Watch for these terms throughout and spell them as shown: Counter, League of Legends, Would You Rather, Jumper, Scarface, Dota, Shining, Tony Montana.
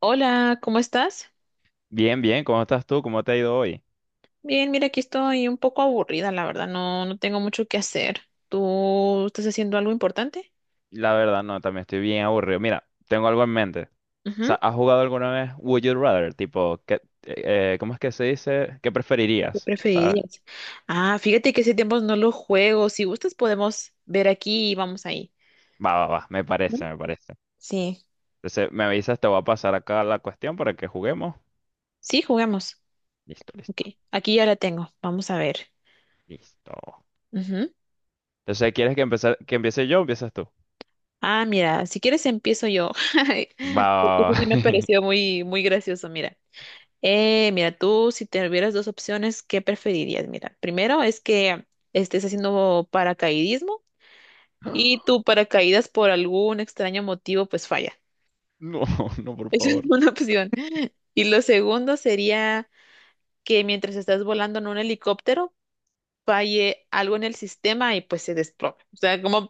Hola, ¿cómo estás? Bien, bien, ¿cómo estás tú? ¿Cómo te ha ido hoy? Bien, mira, aquí estoy un poco aburrida, la verdad, no tengo mucho que hacer. ¿Tú estás haciendo algo importante? La verdad, no, también estoy bien aburrido. Mira, tengo algo en mente. O Ujú. sea, ¿has jugado alguna vez Would You Rather? Tipo, ¿qué, cómo es que se dice? ¿Qué ¿Qué preferirías? ¿Sabes? preferirías? Ah, fíjate que hace tiempo no lo juego. Si gustas, podemos ver aquí y vamos ahí. Va, va, va, me ¿No? parece, me parece. Sí, Entonces, me avisas, te voy a pasar acá la cuestión para que juguemos. sí, jugamos. Listo, Ok, listo, aquí ya la tengo. Vamos a ver. listo. Ujú. Entonces, ¿quieres que empezar, que empiece yo o empiezas tú? Ah, mira, si quieres empiezo yo. Va, Porque va, eso va. sí me pareció muy, muy gracioso, mira. Mira, tú si te hubieras dos opciones, ¿qué preferirías? Mira, primero es que estés haciendo paracaidismo y tu paracaídas por algún extraño motivo pues falla. No, no, por Esa es favor. una opción. Y lo segundo sería que mientras estás volando en un helicóptero falle algo en el sistema y pues se desplome. O sea, ¿cómo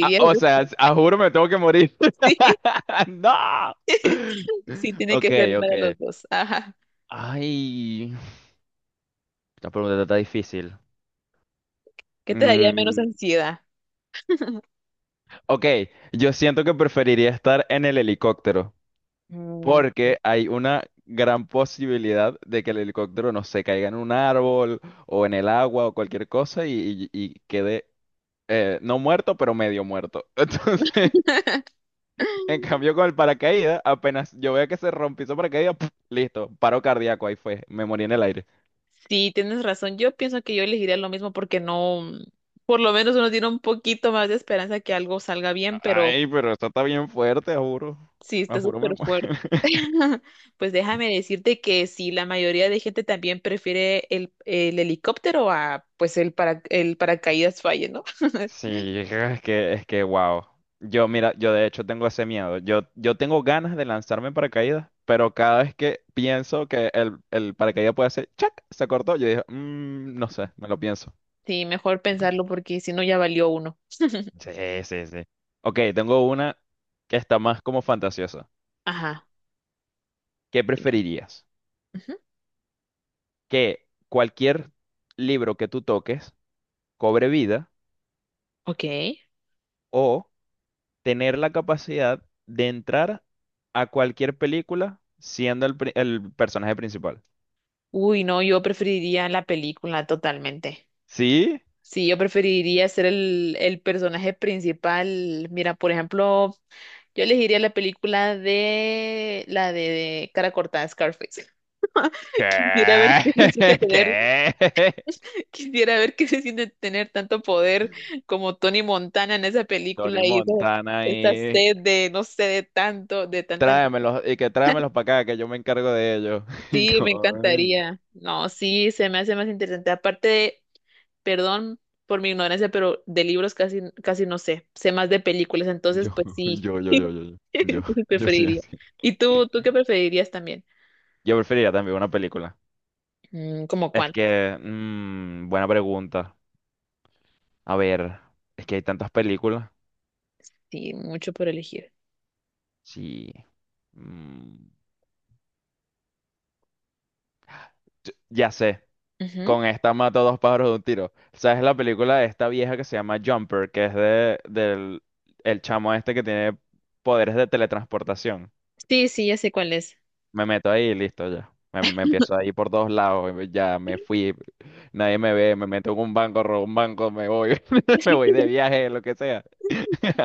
Ah, o sea, a juro me tengo que morir. Sí, ¡No! sí tiene Ok, que ser una de ok. los dos. Ajá. Ay, la pregunta está difícil. ¿Qué te daría menos Mm, ansiedad? ok, yo siento que preferiría estar en el helicóptero Mm. porque hay una gran posibilidad de que el helicóptero no se caiga en un árbol o en el agua o cualquier cosa y quede no muerto, pero medio muerto. Entonces, en cambio, con el paracaídas, apenas yo veo que se rompió ese paracaídas, ¡puf! Listo, paro cardíaco, ahí fue, me morí en el aire. Sí, tienes razón. Yo pienso que yo elegiría lo mismo porque no, mm, por lo menos uno tiene un poquito más de esperanza que algo salga bien, pero Ay, pero eso está bien fuerte, juro. sí, Ah, está juro, súper me muero. fuerte. Pues déjame decirte que sí, la mayoría de gente también prefiere el helicóptero a pues el para el paracaídas falle, ¿no? Sí, es que, wow. Yo, mira, yo de hecho tengo ese miedo. Yo tengo ganas de lanzarme en paracaídas, pero cada vez que pienso que el paracaídas puede hacer, ¡chac! Se cortó, yo digo, "Mm, no sé, me lo pienso". Sí, mejor pensarlo porque si no ya valió uno. Sí, sí, sí. Ok, tengo una que está más como fantasiosa. Ajá. ¿Qué Dime. preferirías? Ujú. Que cualquier libro que tú toques cobre vida Ok. o tener la capacidad de entrar a cualquier película siendo el personaje principal. Uy, no, yo preferiría la película totalmente. ¿Sí? Sí, yo preferiría ser el personaje principal. Mira, por ejemplo, yo elegiría la película de la de Cara Cortada, Scarface. Quisiera ver ¿Qué? qué se siente tener, ¿Qué? quisiera ver qué se siente tener tanto poder como Tony Montana en esa película Tony y esa, Montana esa y sed de, no sé, de tanto, de tanta. Tráemelos para acá que yo me encargo de ellos. Sí, me Ay, encantaría. No, sí, se me hace más interesante. Aparte perdón por mi ignorancia, pero de libros casi, casi no sé, sé más de películas, entonces Yo, pues sí, yo, yo, yo, yo, yo, yo, entonces yo sí preferiría. así. ¿Y tú qué preferirías también? Yo preferiría también una película. Mm, ¿cómo Es cuál? que, mm, buena pregunta. A ver, es que hay tantas películas. Sí, mucho por elegir. Sí, mm, ya sé, Ujú. con esta mato dos pájaros de un tiro. ¿Sabes la película de esta vieja que se llama Jumper? Que es del el chamo este que tiene poderes de teletransportación. Sí, sí, ya sé cuál es. Me meto ahí y listo ya. Me empiezo ahí por todos lados. Ya me fui. Nadie me ve. Me meto en un banco, robo un banco, me voy. Me voy de viaje, lo que sea.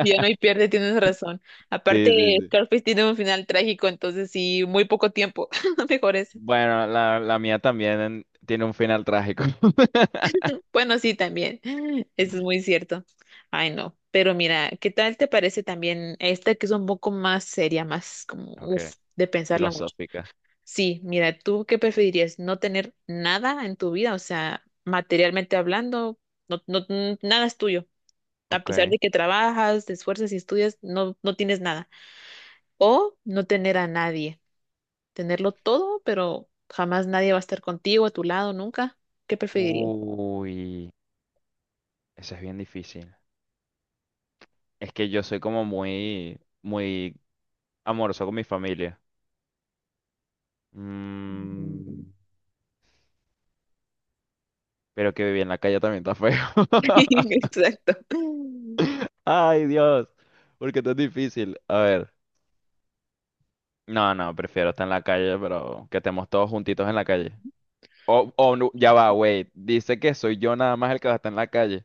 Ya no hay pierde, tienes razón. Aparte, Sí, sí, sí. Scarface tiene un final trágico, entonces sí, muy poco tiempo. Mejor es. Bueno, la mía también tiene un final trágico. Bueno, sí, también. Eso es muy cierto. Ay, no. Pero mira, ¿qué tal te parece también esta que es un poco más seria, más como, Ok. uf, de pensarla mucho? Filosófica. Sí, mira, ¿tú qué preferirías? ¿No tener nada en tu vida? O sea, materialmente hablando, nada es tuyo. A Ok. pesar de que trabajas, te esfuerzas y estudias, no tienes nada. O no tener a nadie. Tenerlo todo, pero jamás nadie va a estar contigo, a tu lado, nunca. ¿Qué preferirías? Uy, eso es bien difícil. Es que yo soy como muy, muy amoroso con mi familia. Mm. Mm, pero que vivir en la calle también está feo. Exacto. Ay, Dios. Porque esto es difícil. A ver. No, no, prefiero estar en la calle, pero que estemos todos juntitos en la calle. O no, ya va, wait. Dice que soy yo nada más el que va a estar en la calle.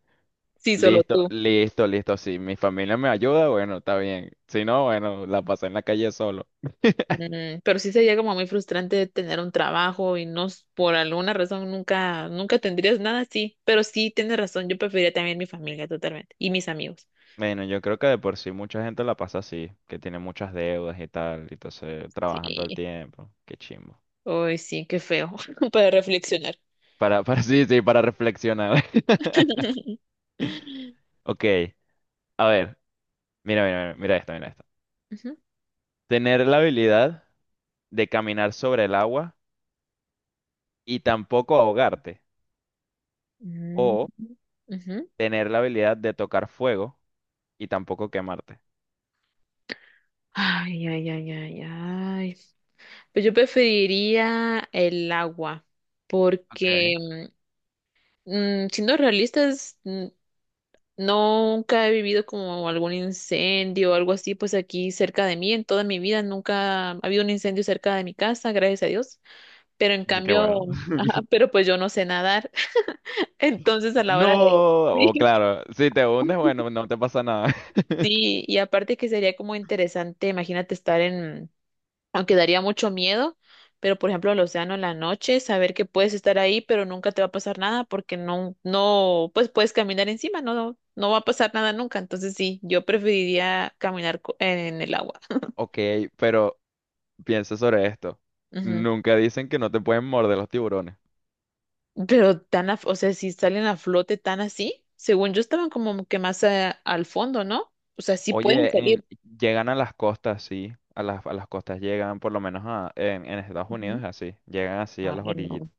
Sí, solo Listo, tú. listo, listo. Si mi familia me ayuda, bueno, está bien. Si no, bueno, la pasé en la calle solo. Mm, pero sí sería como muy frustrante tener un trabajo y no, s- por alguna razón nunca tendrías nada, sí. Pero sí tienes razón, yo preferiría también mi familia totalmente y mis amigos. Bueno, yo creo que de por sí mucha gente la pasa así, que tiene muchas deudas y tal, y entonces trabajan todo el Sí. tiempo. Qué chimbo. Ay, sí, qué feo para reflexionar. Para, sí, sí, para reflexionar. Ok, a ver, mira, mira, mira, mira esto, mira esto. Ujú. Tener la habilidad de caminar sobre el agua y tampoco ahogarte. Mm, O ujú. tener la habilidad de tocar fuego y tampoco quemarte. Ay, ay, ay, ay, ay. Pues yo preferiría el agua, Ok, porque siendo realistas, nunca he vivido como algún incendio o algo así, pues aquí cerca de mí, en toda mi vida nunca ha habido un incendio cerca de mi casa, gracias a Dios. Pero en qué cambio, bueno. ajá, pero pues yo no sé nadar, entonces a la No, hora de... o Sí, claro, si te hundes, bueno, no te pasa nada. sí, y aparte que sería como interesante, imagínate estar en, aunque daría mucho miedo, pero por ejemplo el océano en la noche, saber que puedes estar ahí, pero nunca te va a pasar nada porque no, no, pues puedes caminar encima, no va a pasar nada nunca. Entonces sí, yo preferiría caminar co- en el agua. Ok, pero piensa sobre esto. Ujú. Nunca dicen que no te pueden morder los tiburones. Pero tan, a- o sea, si salen a flote tan así, según yo estaban como que más al fondo, ¿no? O sea, sí pueden Oye, en- salir. Llegan a las costas, sí. A las costas llegan, por lo menos en Estados Ujú. Unidos, así. Llegan así a las Ay, no. orillitas.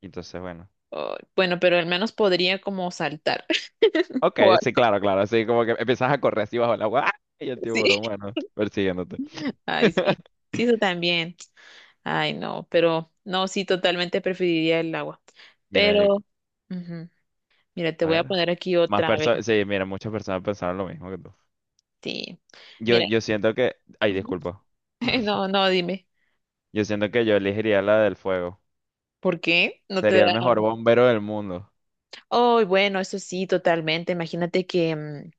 Entonces, bueno. Ay, bueno, pero al menos podría como saltar. Ok, o sí, algo. claro, claro. Así como que empiezas a correr así bajo el agua. ¡Ah! Y el Sí. tiburón, bueno, persiguiéndote. Ay, sí. Sí, eso también. Ay, no, pero no, sí, totalmente preferiría el agua. Mira, yo- Pero, ujú, mira, te a voy a ver. poner aquí Más otra, a ver, personas, sí, mira, muchas personas pensaron lo mismo que tú. sí. Yo, Mira, yo siento que... Ay, ujú, disculpa. no, no, dime, Yo siento que yo elegiría la del fuego. ¿por qué? No te da... Sería el mejor bombero del mundo. Oh, bueno, eso sí, totalmente. Imagínate que, mm,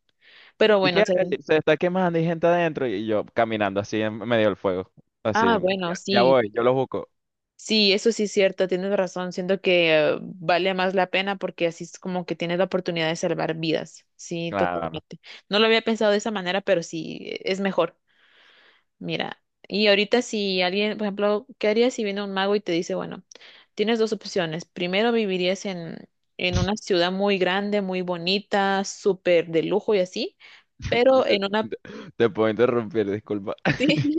pero ¿Y bueno, o qué sea, hay? Se está quemando y gente adentro. Y yo caminando así en medio del fuego. ah, Así. bueno, Ya, ya sí, voy, yo lo busco. sí, eso sí es cierto, tienes razón. Siento que vale más la pena porque así es como que tienes la oportunidad de salvar vidas. Sí, Claro, no. totalmente. No lo había pensado de esa manera, pero sí, e- es mejor. Mira, y ahorita si alguien, por ejemplo, ¿qué harías si viene un mago y te dice, bueno, tienes dos opciones. Primero vivirías en una ciudad muy grande, muy bonita, súper de lujo y así, pero en una... Te puedo interrumpir, disculpa. Sí.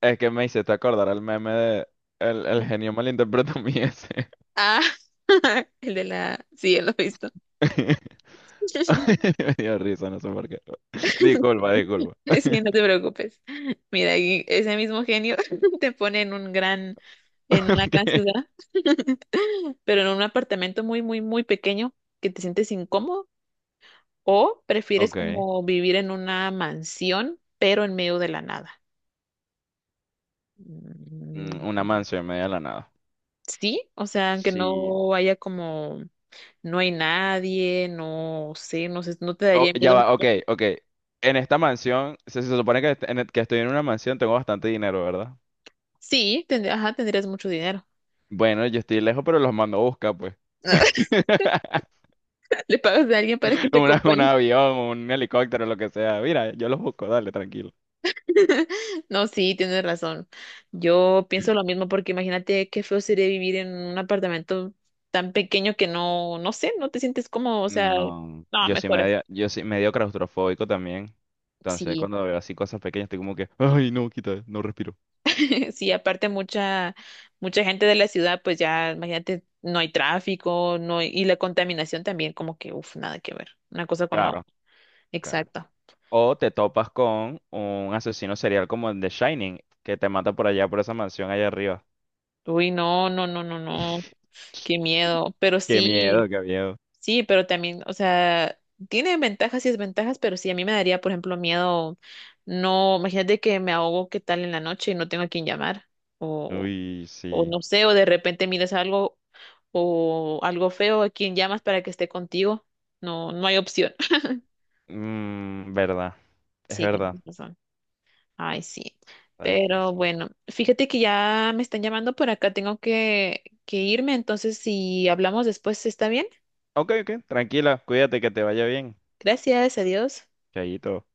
Es que me hiciste acordar el meme de... El genio malinterpretó mi ese. Ah, el de la... Sí, él lo he visto. Me dio risa, no sé por qué. Disculpa, disculpa. Sí, no te preocupes. Mira, y ese mismo genio te pone en un gran, en una gran Ok. ciudad, pero en un apartamento muy, muy, muy pequeño que te sientes incómodo. ¿O prefieres Ok. como vivir en una mansión, pero en medio de la nada? Mm, Mm, una mansión en medio de la nada. sí, o sea, aunque Sí, no haya como, no hay nadie, no sé, no sé, no te oh, daría ya miedo. va, ok, ok. En esta mansión, se supone que, est- en e, que estoy en una mansión, tengo bastante dinero, ¿verdad? Sí, tendr- ajá, tendrías mucho dinero. Bueno, yo estoy lejos, pero los mando a buscar, pues. Le pagas a alguien para que te Una- un acompañe. avión, un helicóptero, lo que sea. Mira, yo los busco, dale, tranquilo. No, sí, tienes razón. Yo pienso lo mismo porque imagínate qué feo sería vivir en un apartamento tan pequeño que no sé, no te sientes cómodo, o sea, No, no, mejor así. Yo soy medio claustrofóbico también. Entonces, Sí, cuando veo así cosas pequeñas, estoy como que, ay, no, quita, no respiro. sí, aparte mucha, mucha gente de la ciudad, pues ya, imagínate, no hay tráfico, no hay- y la contaminación también, como que, uff, nada que ver, una cosa con la Claro, otra. claro. Exacto. O te topas con un asesino serial como el de Shining, que te mata por allá, por esa mansión allá arriba. Uy, no, no, no, no, no, qué miedo. Pero Qué sí, miedo, qué miedo. sí, pero también, o sea, tiene ventajas y desventajas, pero sí, a mí me daría, por ejemplo, miedo, no, imagínate que me ahogo, qué tal en la noche y no tengo a quién llamar, o, Uy, o sí. no sé, o de repente miras algo o algo feo a quien llamas para que esté contigo. No, no hay opción. Mm, verdad, es Sí, verdad. tienes razón. Ay, sí. Está Pero difícil. bueno, fíjate que ya me están llamando por acá, tengo que irme, entonces si hablamos después, ¿está bien? Ok, ok, tranquila, cuídate que te vaya bien. Gracias, adiós. Chayito.